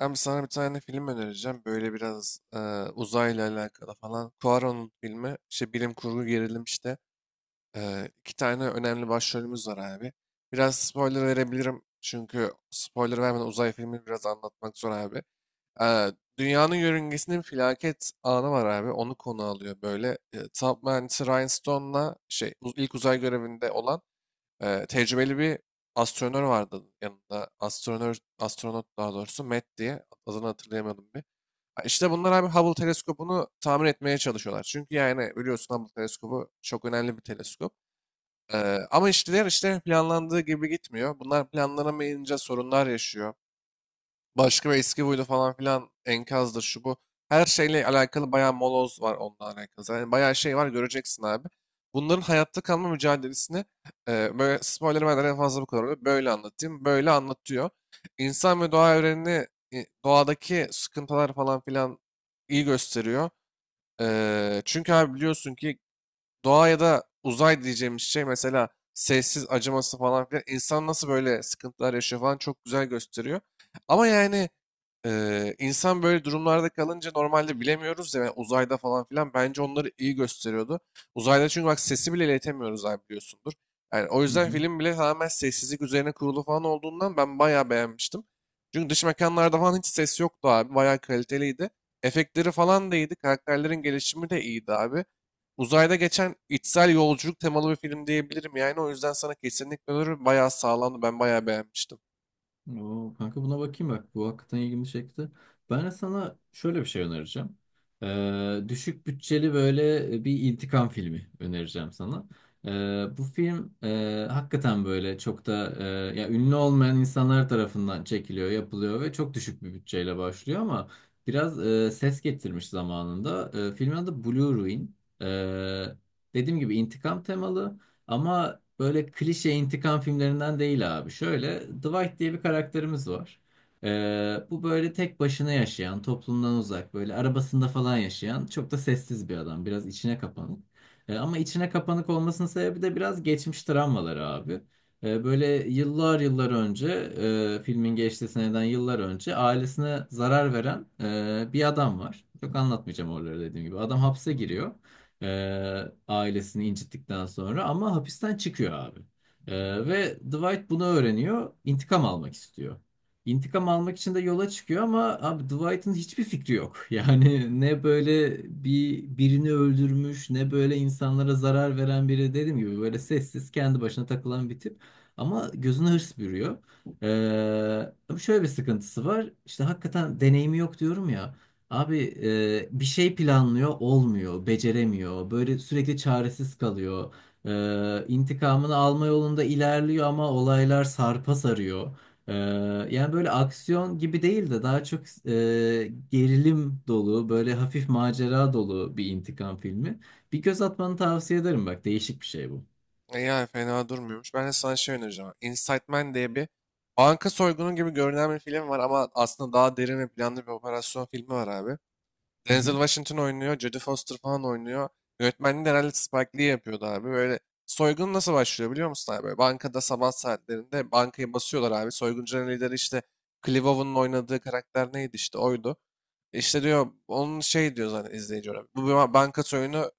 Abi sana bir tane film önereceğim. Böyle biraz uzayla alakalı falan. Cuaron'un filmi. İşte bilim kurgu gerilim işte. İki tane önemli başrolümüz var abi. Biraz spoiler verebilirim. Çünkü spoiler vermeden uzay filmini biraz anlatmak zor abi. E, Dünyanın yörüngesinde bir felaket anı var abi. Onu konu alıyor böyle. Top mühendisi Ryan Stone'la ilk uzay görevinde olan tecrübeli bir astronör vardı yanında. Astronör, astronot daha doğrusu Matt diye. Adını hatırlayamadım bir. Ha, İşte bunlar abi Hubble teleskopunu tamir etmeye çalışıyorlar. Çünkü yani biliyorsun Hubble teleskobu çok önemli bir teleskop. Ama işler işte planlandığı gibi gitmiyor. Bunlar planlanamayınca sorunlar yaşıyor başka bir eski huylu falan filan enkazdır şu bu. Her şeyle alakalı bayağı moloz var onunla alakalı. Yani bayağı şey var göreceksin abi. Bunların hayatta kalma mücadelesini böyle spoiler vermeden en fazla bu kadar oluyor. Böyle anlatayım. Böyle anlatıyor. İnsan ve doğa evrenini, doğadaki sıkıntılar falan filan iyi gösteriyor. Çünkü abi biliyorsun ki doğa ya da uzay diyeceğimiz şey mesela sessiz acıması falan filan insan nasıl böyle sıkıntılar yaşıyor falan çok güzel gösteriyor. Ama yani insan böyle durumlarda kalınca normalde bilemiyoruz ya, yani uzayda falan filan bence onları iyi gösteriyordu. Uzayda çünkü bak sesi bile iletemiyoruz abi, biliyorsundur. Yani o Hı yüzden hı. film bile tamamen sessizlik üzerine kurulu falan olduğundan ben bayağı beğenmiştim. Çünkü dış mekanlarda falan hiç ses yoktu abi. Bayağı kaliteliydi. Efektleri falan da iyiydi. Karakterlerin gelişimi de iyiydi abi. Uzayda geçen içsel yolculuk temalı bir film diyebilirim yani. O yüzden sana kesinlikle öneririm. Bayağı sağlamdı. Ben bayağı beğenmiştim. Oo, kanka buna bakayım bak. Bu hakikaten ilgimi çekti. Ben de sana şöyle bir şey önereceğim. Düşük bütçeli böyle bir intikam filmi önereceğim sana. Bu film hakikaten böyle çok da ya ünlü olmayan insanlar tarafından çekiliyor, yapılıyor ve çok düşük bir bütçeyle başlıyor ama biraz ses getirmiş zamanında. Filmin adı Blue Ruin. Ee, Dediğim gibi intikam temalı. Ama böyle klişe intikam filmlerinden değil abi. Şöyle Dwight diye bir karakterimiz var. Bu böyle tek başına yaşayan, toplumdan uzak, böyle arabasında falan yaşayan çok da sessiz bir adam. Biraz içine kapanık. Ama içine kapanık olmasının sebebi de biraz geçmiş travmaları abi. Böyle yıllar yıllar önce, filmin geçtiği seneden yıllar önce ailesine zarar veren bir adam var. Çok anlatmayacağım oraları dediğim gibi. Adam hapse giriyor. Ailesini incittikten sonra ama hapisten çıkıyor abi. Ve Dwight bunu öğreniyor. İntikam almak istiyor. İntikam almak için de yola çıkıyor ama abi Dwight'ın hiçbir fikri yok. Yani ne böyle birini öldürmüş, ne böyle insanlara zarar veren biri, dediğim gibi böyle sessiz kendi başına takılan bir tip. Ama gözüne hırs bürüyor. Ama şöyle bir sıkıntısı var. İşte hakikaten deneyimi yok diyorum ya. Abi bir şey planlıyor, olmuyor, beceremiyor. Böyle sürekli çaresiz kalıyor. İntikamını alma yolunda ilerliyor ama olaylar sarpa sarıyor. E, Yani böyle aksiyon gibi değil de daha çok gerilim dolu, böyle hafif macera dolu bir intikam filmi. Bir göz atmanı tavsiye ederim bak, değişik bir şey bu. E yani fena durmuyormuş. Ben de sana şey önereceğim. Inside Man diye bir banka soygunu gibi görünen bir film var ama aslında daha derin ve planlı bir operasyon filmi var abi. Denzel Washington oynuyor. Jodie Foster falan oynuyor. Yönetmenliği de herhalde Spike Lee yapıyordu abi. Böyle soygun nasıl başlıyor biliyor musun abi? Böyle bankada sabah saatlerinde bankayı basıyorlar abi. Soyguncuların lideri işte Clive Owen'ın oynadığı karakter neydi, işte oydu. İşte diyor onun şey diyor zaten izleyici olarak. Banka soygunu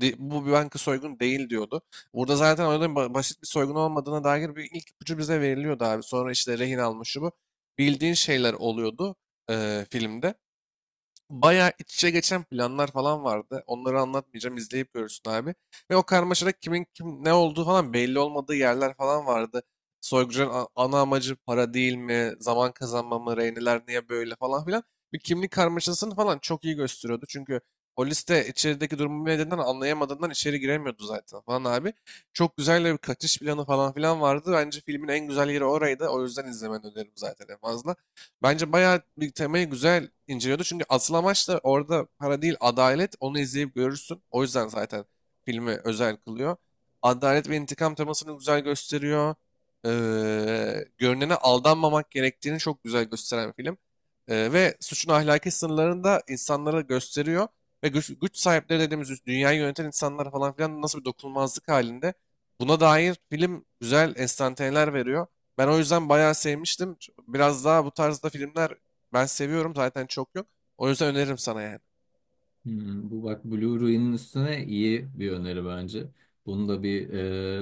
bu bir banka soygunu değil diyordu. Burada zaten olayın basit bir soygun olmadığına dair bir ilk ipucu bize veriliyordu abi. Sonra işte rehin almış şu bu. Bildiğin şeyler oluyordu filmde. Bayağı iç içe geçen planlar falan vardı. Onları anlatmayacağım, izleyip görürsün abi. Ve o karmaşada kimin kim ne olduğu falan belli olmadığı yerler falan vardı. Soygucunun ana amacı para değil mi? Zaman kazanma mı? Reyneler niye böyle falan filan. Bir kimlik karmaşasını falan çok iyi gösteriyordu. Çünkü polis de içerideki durumu nedeninden anlayamadığından içeri giremiyordu zaten falan abi. Çok güzel bir kaçış planı falan filan vardı. Bence filmin en güzel yeri oraydı. O yüzden izlemeni öneririm zaten en fazla. Bence bayağı bir temayı güzel inceliyordu. Çünkü asıl amaç da orada para değil, adalet. Onu izleyip görürsün. O yüzden zaten filmi özel kılıyor. Adalet ve intikam temasını güzel gösteriyor. Ee, Görünene aldanmamak gerektiğini çok güzel gösteren film. Ve suçun ahlaki sınırlarını da insanlara gösteriyor. Ve güç, güç sahipleri dediğimiz üst- dünyayı yöneten insanlar falan filan nasıl bir dokunulmazlık halinde. Buna dair film güzel enstantaneler veriyor. Ben o yüzden bayağı sevmiştim. Biraz daha bu tarzda filmler ben seviyorum. Zaten çok yok. O yüzden öneririm sana yani. Hmm, bu bak Blu-ray'nin üstüne iyi bir öneri bence. Bunu da bir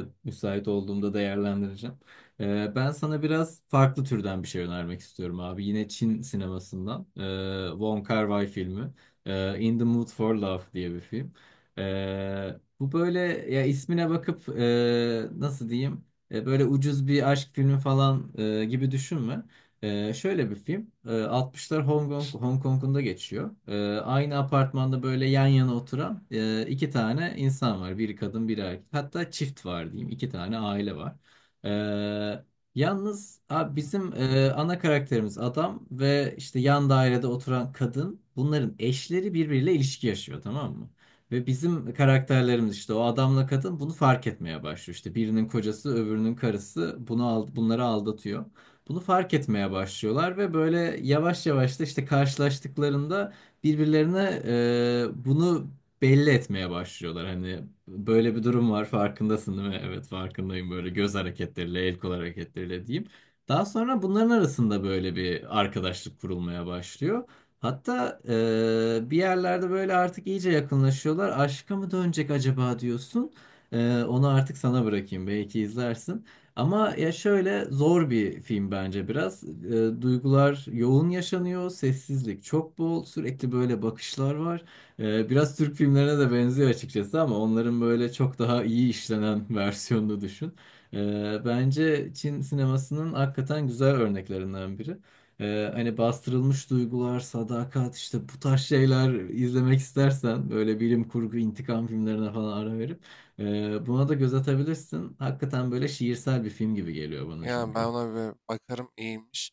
müsait olduğumda değerlendireceğim. Ben sana biraz farklı türden bir şey önermek istiyorum abi. Yine Çin sinemasından. Wong Kar-wai filmi. In the Mood for Love diye bir film. Bu böyle, ya ismine bakıp nasıl diyeyim? Böyle ucuz bir aşk filmi falan gibi düşünme. Şöyle bir film. 60'lar Hong Kong, Hong Kong'unda geçiyor. Aynı apartmanda böyle yan yana oturan iki tane insan var. Biri kadın, biri erkek. Hatta çift var diyeyim. İki tane aile var. Ee, Yalnız abi bizim ana karakterimiz adam ve işte yan dairede oturan kadın. Bunların eşleri birbiriyle ilişki yaşıyor, tamam mı? Ve bizim karakterlerimiz, işte o adamla kadın, bunu fark etmeye başlıyor. İşte birinin kocası, öbürünün karısı bunu bunları aldatıyor. Bunu fark etmeye başlıyorlar ve böyle yavaş yavaş da işte karşılaştıklarında birbirlerine bunu belli etmeye başlıyorlar. Hani böyle bir durum var, farkındasın değil mi? Evet farkındayım, böyle göz hareketleriyle, el kol hareketleriyle diyeyim. Daha sonra bunların arasında böyle bir arkadaşlık kurulmaya başlıyor. Hatta bir yerlerde böyle artık iyice yakınlaşıyorlar. Aşka mı dönecek acaba diyorsun. Onu artık sana bırakayım, belki izlersin. Ama ya şöyle zor bir film bence biraz. Duygular yoğun yaşanıyor, sessizlik çok bol, sürekli böyle bakışlar var. Biraz Türk filmlerine de benziyor açıkçası ama onların böyle çok daha iyi işlenen versiyonunu düşün. Bence Çin sinemasının hakikaten güzel örneklerinden biri. Hani bastırılmış duygular, sadakat, işte bu tarz şeyler izlemek istersen böyle bilim kurgu, intikam filmlerine falan ara verip buna da göz atabilirsin. Hakikaten böyle şiirsel bir film gibi geliyor bana Yani ben çünkü. ona bir bakarım, iyiymiş.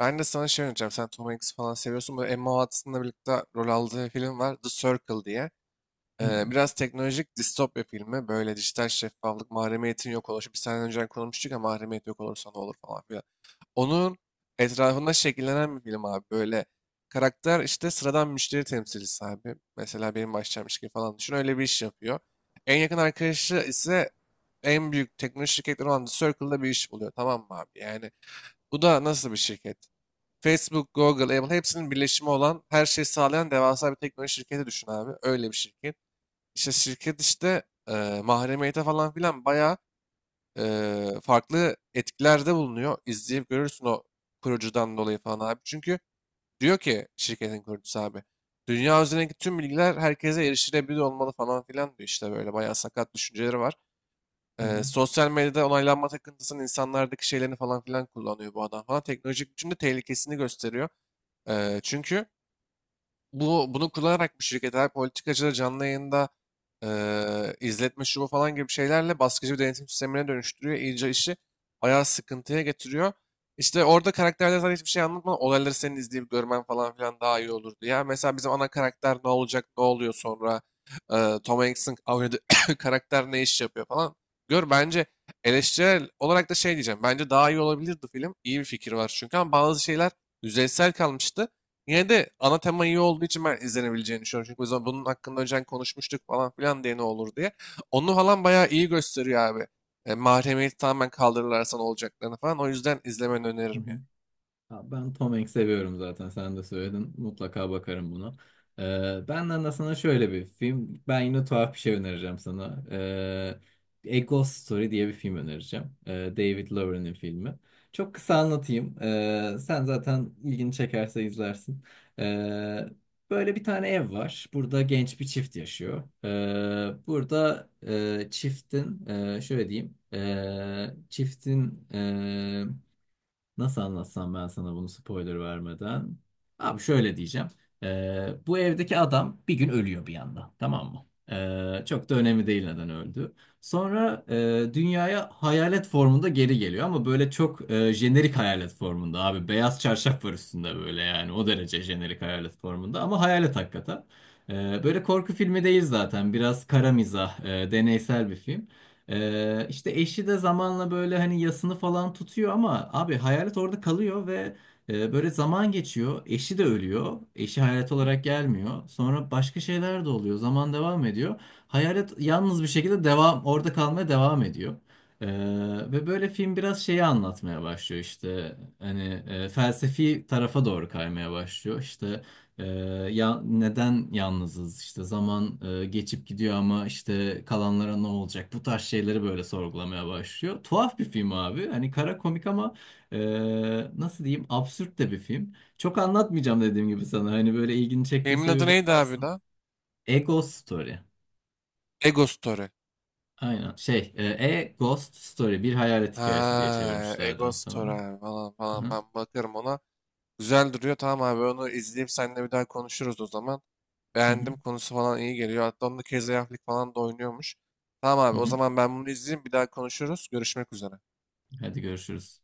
Ben de sana şey önereceğim. Sen Tom Hanks falan seviyorsun. Böyle Emma Watson'la birlikte rol aldığı film var, The Circle diye. Hmm. Biraz teknolojik distopya filmi. Böyle dijital şeffaflık, mahremiyetin yok oluşu. Biz senden önce konuşmuştuk ya, mahremiyet yok olursa ne olur falan filan. Onun etrafında şekillenen bir film abi. Böyle karakter işte sıradan müşteri temsilcisi abi. Mesela benim başlamış gibi falan düşün. Öyle bir iş yapıyor. En yakın arkadaşı ise en büyük teknoloji şirketleri olan The Circle'da bir iş buluyor. Tamam mı abi? Yani bu da nasıl bir şirket? Facebook, Google, Apple hepsinin birleşimi olan her şeyi sağlayan devasa bir teknoloji şirketi düşün abi. Öyle bir şirket. İşte şirket işte mahremiyete falan filan bayağı farklı etkilerde bulunuyor. İzleyip görürsün o kurucudan dolayı falan abi. Çünkü diyor ki şirketin kurucusu abi. Dünya üzerindeki tüm bilgiler herkese erişilebilir olmalı falan filan diyor, işte böyle bayağı sakat düşünceleri var. Hı hı. Sosyal medyada onaylanma takıntısının insanlardaki şeylerini falan filan kullanıyor bu adam falan. Teknolojik biçimde tehlikesini gösteriyor. Çünkü bunu kullanarak bu şirketler politikacıları canlı yayında izletme şu bu falan gibi şeylerle baskıcı bir denetim sistemine dönüştürüyor. İyice işi bayağı sıkıntıya getiriyor. İşte orada karakterler zaten hiçbir şey anlatmadan olayları senin izleyip görmen falan filan daha iyi olurdu. Ya mesela bizim ana karakter ne olacak, ne oluyor sonra? Tom Hanks'in oynadığı karakter ne iş yapıyor falan. Gör bence, eleştirel olarak da şey diyeceğim. Bence daha iyi olabilirdi film. İyi bir fikir var çünkü ama bazı şeyler yüzeysel kalmıştı. Yine de ana tema iyi olduğu için ben izlenebileceğini düşünüyorum. Çünkü biz bunun hakkında önceden konuşmuştuk falan filan diye ne olur diye. Onu falan bayağı iyi gösteriyor abi. E, mahremiyeti tamamen kaldırırlarsa ne olacaklarını falan. O yüzden izlemeni Hı öneririm yani. hı. Ha, ben Tom Hanks seviyorum zaten. Sen de söyledin. Mutlaka bakarım buna. Benden de sana şöyle bir film. Ben yine tuhaf bir şey önereceğim sana. A Ghost Story diye bir film önereceğim. David Lowery'nin filmi. Çok kısa anlatayım. Sen zaten ilgini çekerse izlersin. Ee, Böyle bir tane ev var. Burada genç bir çift yaşıyor. Burada e, çiftin e, Şöyle diyeyim. Nasıl anlatsam ben sana bunu spoiler vermeden? Abi şöyle diyeceğim. Bu evdeki adam bir gün ölüyor bir anda. Tamam mı? Çok da önemli değil neden öldü. Sonra dünyaya hayalet formunda geri geliyor ama böyle çok jenerik hayalet formunda abi. Beyaz çarşaf var üstünde böyle, yani o derece jenerik hayalet formunda, ama hayalet hakikaten. Böyle korku filmi değil zaten. Biraz kara mizah, deneysel bir film. İşte eşi de zamanla böyle hani yasını falan tutuyor ama abi hayalet orada kalıyor ve böyle zaman geçiyor. Eşi de ölüyor. Eşi hayalet olarak gelmiyor. Sonra başka şeyler de oluyor. Zaman devam ediyor. Hayalet yalnız bir şekilde orada kalmaya devam ediyor. Ee, Ve böyle film biraz şeyi anlatmaya başlıyor, işte hani felsefi tarafa doğru kaymaya başlıyor, işte ee, ya neden yalnızız, işte zaman geçip gidiyor ama işte kalanlara ne olacak, bu tarz şeyleri böyle sorgulamaya başlıyor. Tuhaf bir film abi, hani kara komik ama e, nasıl diyeyim, absürt de bir film. Çok anlatmayacağım dediğim gibi sana, hani böyle ilgini Filmin çektiyse adı bir neydi abi bakarsın. daha? A Ghost Story. Ego Story. Aynen şey, A Ghost Story, bir hayalet hikayesi diye Ha, çevirmişlerdir Ego Story muhtemelen. abi falan Hı falan. hı, Ben bakarım ona. Güzel duruyor. Tamam abi, onu izleyip seninle bir daha konuşuruz o zaman. hı hı, Beğendim, konusu falan iyi geliyor. Hatta onda Casey Affleck falan da oynuyormuş. Tamam hı abi, o hı. zaman ben bunu izleyeyim, bir daha konuşuruz. Görüşmek üzere. Hadi görüşürüz.